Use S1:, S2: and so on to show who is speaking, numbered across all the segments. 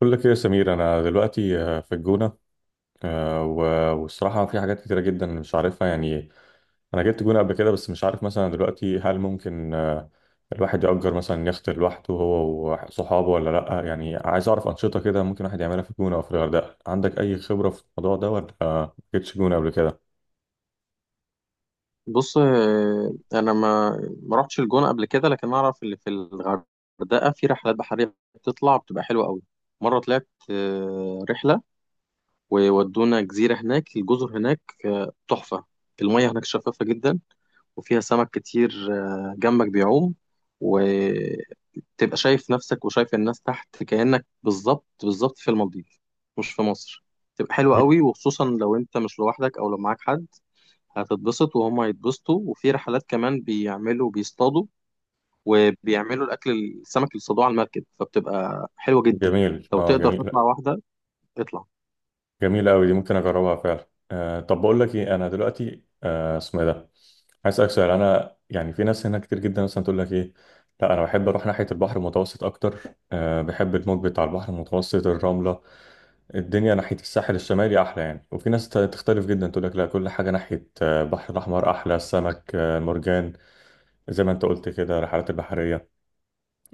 S1: بقول لك ايه يا سمير، انا دلوقتي في الجونه. والصراحه في حاجات كتيره جدا مش عارفها يعني. انا جبت جونه قبل كده، بس مش عارف مثلا دلوقتي هل ممكن الواحد يأجر مثلا يخت لوحده هو وصحابه ولا لا، يعني عايز اعرف انشطه كده ممكن الواحد يعملها في الجونه او في الغردقه. عندك اي خبره في الموضوع ده؟ ولا ما جبتش جونه قبل كده؟
S2: بص انا ما رحتش الجونه قبل كده، لكن اعرف اللي في الغردقه في رحلات بحريه بتطلع بتبقى حلوه قوي. مره طلعت رحله وودونا جزيره هناك. الجزر هناك تحفه. المياه هناك شفافه جدا، وفيها سمك كتير جنبك بيعوم. وتبقى شايف نفسك وشايف الناس تحت كأنك بالظبط بالظبط في المالديف، مش في مصر. تبقى حلوة قوي، وخصوصا لو انت مش لوحدك او لو معاك حد هتتبسط وهم هيتبسطوا. وفي رحلات كمان بيعملوا، بيصطادوا وبيعملوا الاكل، السمك اللي صادوه على المركب، فبتبقى حلوه جدا.
S1: جميل،
S2: لو
S1: اه،
S2: تقدر
S1: جميل.
S2: تطلع واحده اطلع.
S1: جميلة أوي دي، ممكن أجربها فعلا. أه، طب بقول لك إيه، أنا دلوقتي اسمه إيه ده. عايز أسألك سؤال، أنا يعني في ناس هنا كتير جدا مثلا تقول لك إيه، لا أنا بحب أروح ناحية البحر المتوسط أكتر. أه، بحب الموج بتاع البحر المتوسط، الرملة، الدنيا ناحية الساحل الشمالي أحلى يعني. وفي ناس تختلف جدا، تقول لك لا، كل حاجة ناحية البحر الأحمر أحلى، السمك، المرجان، زي ما أنت قلت كده، الرحلات البحرية.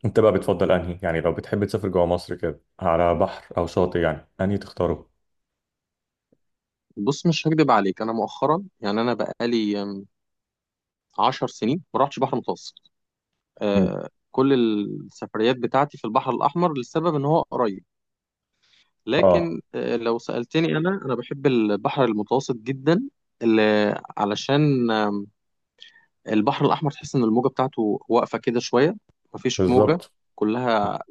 S1: أنت بقى بتفضل أنهي؟ يعني لو بتحب تسافر جوه مصر كده على بحر أو شاطئ، يعني أنهي تختاره؟
S2: بص، مش هكدب عليك، انا مؤخرا يعني انا بقالي 10 سنين ما رحتش بحر متوسط.
S1: مم.
S2: كل السفريات بتاعتي في البحر الاحمر لسبب ان هو قريب.
S1: اه،
S2: لكن لو سالتني انا انا بحب البحر المتوسط جدا. علشان البحر الأحمر تحس إن الموجة بتاعته واقفة كده شوية، مفيش موجة.
S1: بالظبط،
S2: كلها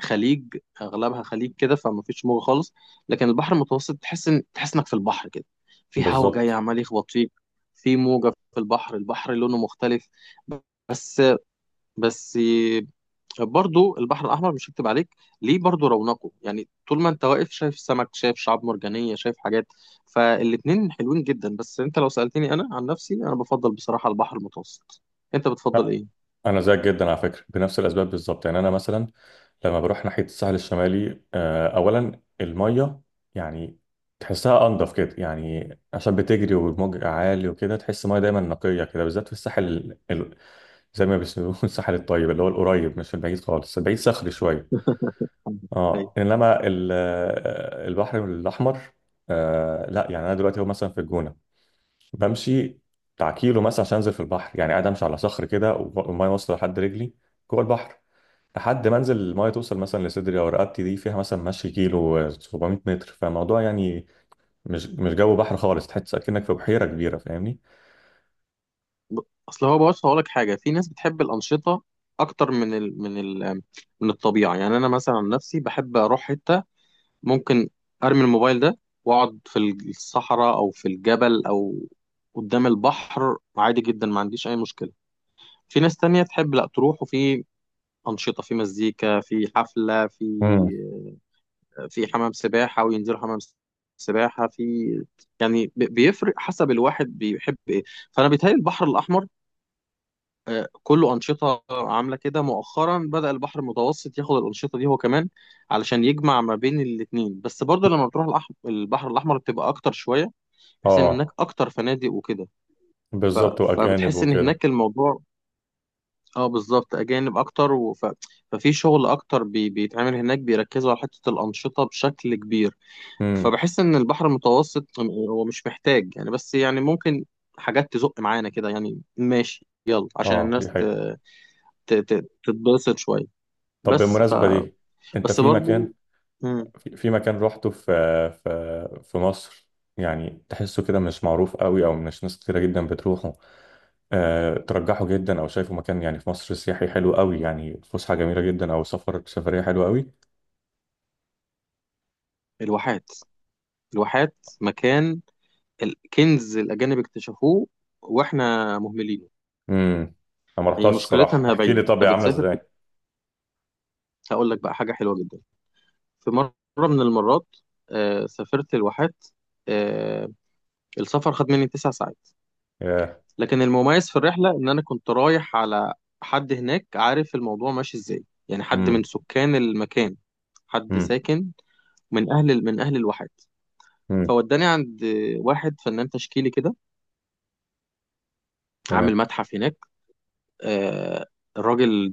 S2: خليج، أغلبها خليج كده فمفيش موجة خالص. لكن البحر المتوسط تحس إنك في البحر كده، في هوا جاي
S1: بالظبط.
S2: عمال يخبط فيك، في موجة. في البحر، البحر لونه مختلف. بس بس برضو البحر الأحمر مش هكتب عليك ليه، برضو رونقه، يعني طول ما أنت واقف شايف سمك، شايف شعاب مرجانية، شايف حاجات. فالاتنين حلوين جدا، بس أنت لو سألتني أنا عن نفسي أنا بفضل بصراحة البحر المتوسط. أنت بتفضل
S1: لا،
S2: إيه؟
S1: انا زيك جدا على فكره، بنفس الاسباب بالظبط. يعني انا مثلا لما بروح ناحيه الساحل الشمالي، اولا الميه، يعني تحسها انضف كده، يعني عشان بتجري والموج عالي وكده، تحس الميه دايما نقيه كده، بالذات في الساحل زي ما بيسموه الساحل الطيب، اللي هو القريب، مش البعيد خالص، البعيد صخري شويه. اه،
S2: أيوة.
S1: انما البحر الاحمر، لا، يعني انا دلوقتي هو مثلا في الجونه، بمشي بتاع كيلو مثلا عشان انزل في البحر، يعني قاعد امشي على صخر كده والميه واصله لحد رجلي، جوه البحر، لحد ما انزل الميه توصل مثلا لصدري او رقبتي. دي فيها مثلا مشي كيلو 700 متر، فالموضوع يعني مش جو بحر خالص، تحس اكنك في بحيره كبيره، فاهمني.
S2: ب- أصل هو، بص هقولك حاجة، في ناس بتحب الأنشطة أكتر من الطبيعة. يعني أنا مثلا عن نفسي بحب أروح حتة ممكن ارمي الموبايل ده واقعد في الصحراء او في الجبل او قدام البحر، عادي جدا ما عنديش اي مشكله. في ناس تانية تحب لا، تروح وفي انشطه، في مزيكا، في حفله، في
S1: امم.
S2: في حمام سباحه وينزلوا حمام سباحه في. يعني بيفرق حسب الواحد بيحب ايه. فانا بيتهيألي البحر الاحمر كله أنشطة عاملة كده. مؤخرا بدأ البحر المتوسط ياخد الأنشطة دي هو كمان علشان يجمع ما بين الاتنين، بس برضه لما بتروح البحر الأحمر بتبقى أكتر شوية، بحيث إن هناك
S1: اه،
S2: أكتر فنادق وكده. ف...
S1: بالظبط، واجانب
S2: فبتحس إن
S1: وكده.
S2: هناك الموضوع، اه بالظبط أجانب أكتر. ففي شغل أكتر بيتعمل هناك، بيركزوا على حتة الأنشطة بشكل كبير.
S1: امم.
S2: فبحس إن البحر المتوسط هو مش محتاج يعني، بس يعني ممكن حاجات تزق معانا كده يعني ماشي يلا عشان
S1: اه دي
S2: الناس
S1: حقيقة.
S2: تتبسط شوية.
S1: طب
S2: بس ف
S1: بالمناسبة دي، انت
S2: بس
S1: في
S2: برضو.
S1: مكان،
S2: مم.
S1: في مكان روحته في، في مصر، يعني تحسه كده مش معروف قوي، او مش ناس كتيرة جدا بتروحه، ترجحه جدا، او شايفه مكان يعني في مصر سياحي حلو قوي، يعني فسحه جميله جدا، او سفر سفريه حلوه قوي؟
S2: الواحات. الواحات مكان الكنز، الأجانب اكتشفوه وإحنا مهملينه.
S1: امم. انا ما
S2: هي
S1: رحتهاش
S2: مشكلتها
S1: الصراحه.
S2: إنها
S1: احكي لي،
S2: بعيدة.
S1: طب
S2: أنت
S1: هي عامله
S2: بتسافر كده.
S1: ازاي؟
S2: هقول لك بقى حاجة حلوة جدا. في مرة من المرات سافرت الواحات. آه السفر خد مني 9 ساعات.
S1: ياه.
S2: لكن المميز في الرحلة إن أنا كنت رايح على حد هناك عارف الموضوع ماشي إزاي، يعني حد من
S1: امم.
S2: سكان المكان، حد
S1: امم.
S2: ساكن من أهل الواحات.
S1: امم.
S2: فوداني عند واحد فنان تشكيلي كده عامل
S1: تمام.
S2: متحف هناك. آه، الراجل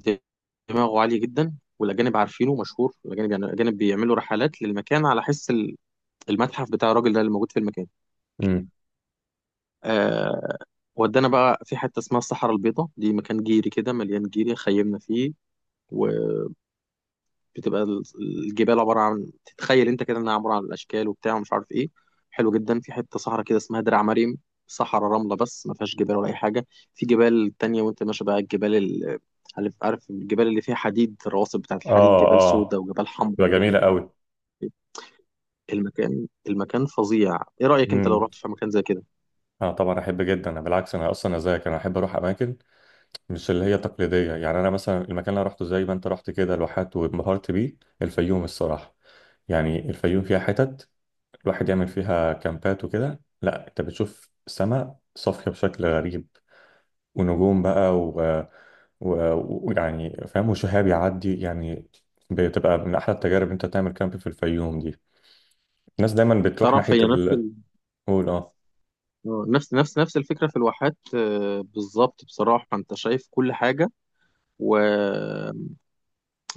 S2: دماغه عالية جدا، والأجانب عارفينه مشهور، الأجانب يعني الأجانب بيعملوا رحلات للمكان على حس المتحف بتاع الراجل ده اللي موجود في المكان.
S1: امم.
S2: آه، ودانا بقى في حتة اسمها الصحراء البيضاء، دي مكان جيري كده مليان جيري خيمنا فيه. و... بتبقى الجبال عباره عن، تتخيل انت كده انها عباره عن الاشكال وبتاع ومش عارف ايه. حلو جدا. في حته صحراء كده اسمها درع مريم، صحراء رمله بس ما فيهاش جبال ولا اي حاجه. في جبال تانية، وانت ماشي بقى عارف، الجبال اللي فيها حديد، الرواسب بتاعت الحديد،
S1: اه،
S2: جبال سودا
S1: اه.
S2: وجبال حمراء
S1: تبقى
S2: وجبال
S1: جميله
S2: مش
S1: قوي.
S2: عارف ايه. المكان فظيع. ايه رايك انت لو
S1: امم.
S2: رحت في مكان زي كده؟
S1: اه طبعا، احب جدا. انا بالعكس، انا اصلا زيك، انا احب اروح اماكن مش اللي هي تقليديه. يعني انا مثلا المكان اللي أنا رحته زي ما انت رحت كده لوحات وانبهرت بيه، الفيوم الصراحه. يعني الفيوم فيها حتت الواحد يعمل فيها كامبات وكده. لا انت بتشوف سماء صافية بشكل غريب، ونجوم بقى، ويعني و... و- ويعني فاهم، وشهاب يعدي يعني. بتبقى من احلى التجارب إن انت تعمل كامب في الفيوم دي. الناس دايما بتروح
S2: تعرف،
S1: ناحيه
S2: هي نفس
S1: ال...
S2: ال...
S1: قول، اه.
S2: آه، نفس نفس نفس الفكره في الواحات، بالظبط بصراحه. انت شايف كل حاجه و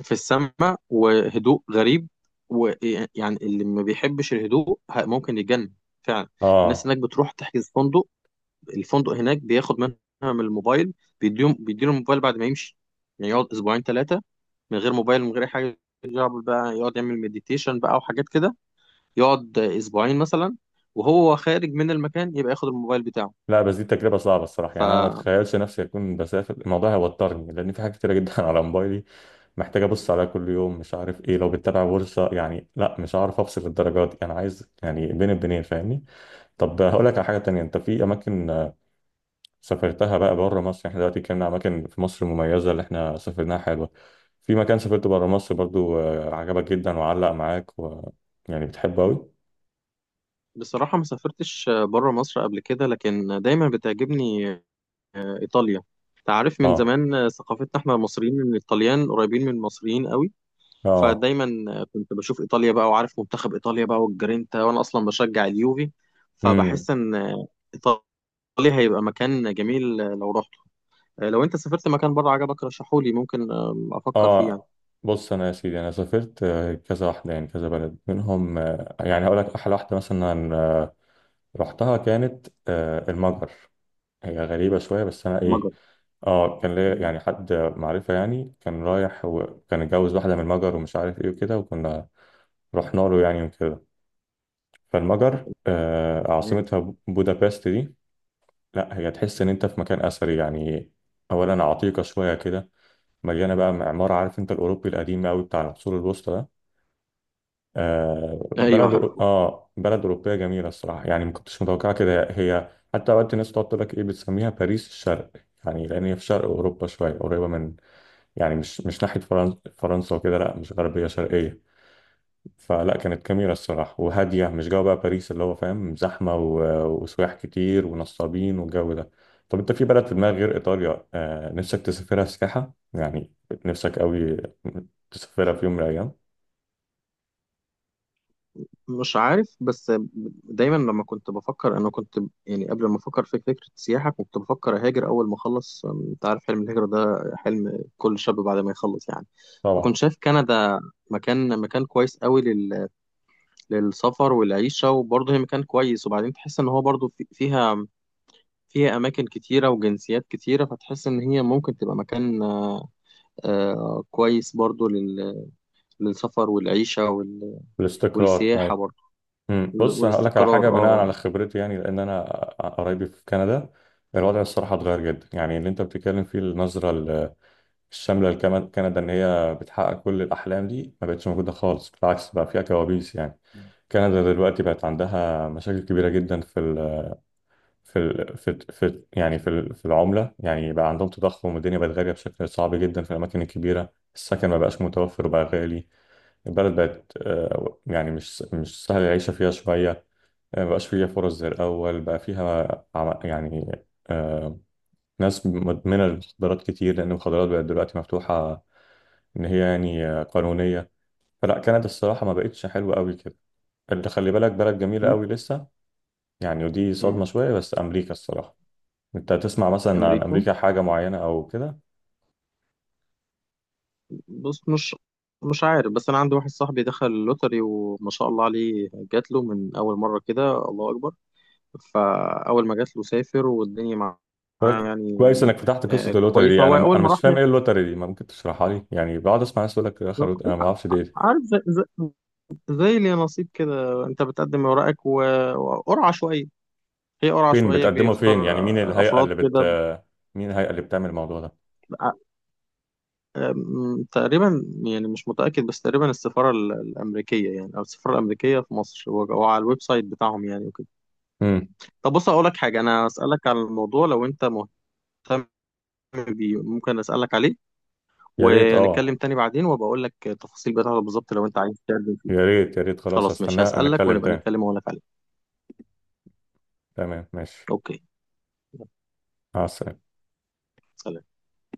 S2: في السماء، وهدوء غريب. ويعني اللي ما بيحبش الهدوء ممكن يتجنن فعلا. الناس
S1: اه.
S2: هناك بتروح تحجز فندق. الفندق هناك بياخد منها من الموبايل، بيديهم بيديله الموبايل بعد ما يمشي. يعني يقعد اسبوعين 3 من غير موبايل من غير أي حاجه، يقعد بقى يقعد يعمل مديتيشن بقى وحاجات كده. يقعد اسبوعين مثلا، وهو خارج من المكان يبقى ياخد الموبايل بتاعه.
S1: لا بس دي تجربه صعبه الصراحه، يعني انا ما
S2: فبصراحة
S1: اتخيلش نفسي اكون بسافر، الموضوع هيوترني، لان في حاجات كتيره جدا على موبايلي، محتاج ابص عليها كل يوم، مش عارف ايه، لو بتتابع بورصه يعني، لا مش عارف افصل للدرجات دي، انا عايز يعني بين البنين فاهمني. طب هقول لك على حاجة تانية، انت في اماكن سافرتها بقى بره مصر، يعني احنا دلوقتي اتكلمنا عن اماكن في مصر مميزة اللي احنا سافرناها حلوة، في مكان سافرته بره مصر برضو عجبك جدا وعلق معاك، و... يعني بتحبه قوي؟
S2: ما سافرتش بره مصر قبل كده، لكن دايما بتعجبني إيطاليا. أنت عارف من
S1: اه،
S2: زمان ثقافتنا احنا المصريين ان الطليان قريبين من المصريين قوي.
S1: اه.
S2: فدايما كنت بشوف إيطاليا بقى، وعارف منتخب إيطاليا بقى والجرينتا، وأنا أصلا بشجع اليوفي.
S1: امم.
S2: فبحس إن إيطاليا هيبقى مكان جميل لو رحته. لو أنت سافرت مكان بره عجبك رشحولي، ممكن أفكر فيه يعني.
S1: اه. بص، انا يا سيدي، انا سافرت كذا واحدة، يعني كذا بلد منهم، يعني هقول لك احلى واحدة مثلا رحتها، كانت المجر. هي غريبة شوية، بس أنا إيه،
S2: المجر.
S1: كان ليا
S2: مم.
S1: يعني حد معرفة، يعني كان رايح وكان اتجوز واحدة من المجر ومش عارف إيه وكده، وكنا رحنا له يعني وكده. فالمجر
S2: تمام.
S1: عاصمتها بودابست دي، لا هي تحس إن أنت في مكان أثري يعني، أولا عتيقة شوية كده، مليانة بقى معمار، عارف أنت الأوروبي القديم أوي بتاع العصور الوسطى ده. آه
S2: أيوه
S1: بلد أورو-
S2: عارفه.
S1: اه بلد اوروبيه جميله الصراحه، يعني ما كنتش متوقعه كده. هي حتى اوقات الناس تقعد تقول لك ايه، بتسميها باريس الشرق، يعني لان هي في شرق اوروبا شويه، قريبه من، يعني مش ناحيه فرنسا، فرنسا وكده، لا مش غربيه، شرقيه. فلا كانت جميله الصراحه وهاديه، مش جو بقى باريس اللي هو فاهم زحمه و- وسياح كتير ونصابين والجو ده. طب انت في بلد في دماغك غير ايطاليا نفسك تسافرها سياحه يعني، نفسك قوي تسافرها في يوم من الايام؟
S2: مش عارف، بس دايما لما كنت بفكر انا كنت يعني قبل ما افكر في فكره السياحه كنت بفكر اهاجر اول ما اخلص. انت عارف حلم الهجره ده حلم كل شاب بعد ما يخلص يعني.
S1: طبعا.
S2: فكنت شايف كندا مكان كويس قوي للسفر والعيشه. وبرضه هي مكان كويس، وبعدين تحس ان هو برضه في... فيها فيها اماكن كتيره وجنسيات كتيره، فتحس ان هي ممكن تبقى مكان كويس برضه للسفر والعيشه
S1: الاستقرار،
S2: والسياحه
S1: أيوه.
S2: برضه
S1: مم. بص هقول لك على
S2: والاستقرار
S1: حاجه بناء
S2: اه.
S1: على خبرتي، يعني لان انا قرايبي في كندا، الوضع الصراحه اتغير جدا، يعني اللي انت بتتكلم فيه النظره الشامله لكندا ان هي بتحقق كل الاحلام دي، ما بقتش موجوده خالص. بالعكس بقى فيها كوابيس يعني. كندا دلوقتي بقت عندها مشاكل كبيره جدا في ال في العمله، يعني بقى عندهم تضخم والدنيا بقت غاليه بشكل صعب جدا، في الاماكن الكبيره السكن ما بقاش متوفر وبقى غالي. البلد بقت يعني مش سهل العيشه فيها شويه، ما بقاش فيها فرص زي الأول، بقى فيها يعني آه، ناس مدمنة للمخدرات كتير، لأن المخدرات بقت دلوقتي مفتوحة، إن هي يعني قانونية. فلا، كانت الصراحة ما بقتش حلوة قوي كده، اللي خلي بالك، بلد جميلة قوي لسه، يعني ودي صدمة
S2: امم.
S1: شوية. بس أمريكا الصراحة، أنت تسمع مثلا عن
S2: امريكا،
S1: أمريكا حاجة معينة أو كده؟
S2: بص مش عارف، بس انا عندي واحد صاحبي دخل اللوتري، وما شاء الله عليه جات له من اول مره كده، الله اكبر. فاول ما جات له سافر والدنيا معاه
S1: بالك
S2: يعني.
S1: كويس إنك فتحت قصة اللوتري
S2: كويسه.
S1: دي. أنا
S2: هو اول
S1: أنا
S2: ما راح
S1: مش فاهم
S2: يعني،
S1: إيه اللوتري دي، ما ممكن تشرحها لي، يعني بقعد أسمع ناس تقول لك آخر، أنا ما أعرفش دي إيه.
S2: عارف زي اللي نصيب كده. انت بتقدم اوراقك وقرعه شويه. هي قرعه
S1: فين
S2: شويه
S1: بتقدمه فين؟
S2: بيختار
S1: يعني مين الهيئة
S2: افراد
S1: اللي بت...
S2: كده.
S1: مين الهيئة اللي بتعمل الموضوع ده؟
S2: تقريبا يعني مش متأكد، بس تقريبا السفارة الأمريكية يعني، أو السفارة الأمريكية في مصر، أو على الويب سايت بتاعهم يعني وكده.
S1: امم.
S2: طب بص أقول لك حاجة، أنا أسألك على الموضوع لو أنت مهتم بيه، ممكن أسألك عليه
S1: يا ريت،
S2: ونتكلم
S1: اه،
S2: تاني بعدين وأبقى أقول لك التفاصيل بتاعته بالظبط، لو أنت عايز تتكلم فيه.
S1: يا ريت، يا ريت. خلاص
S2: خلاص ماشي،
S1: هستناه
S2: هسألك
S1: نتكلم
S2: ونبقى
S1: تاني.
S2: نتكلم وأقول لك عليه.
S1: تمام ماشي.
S2: أوكي. يلا،
S1: مع السلامة.
S2: سلام.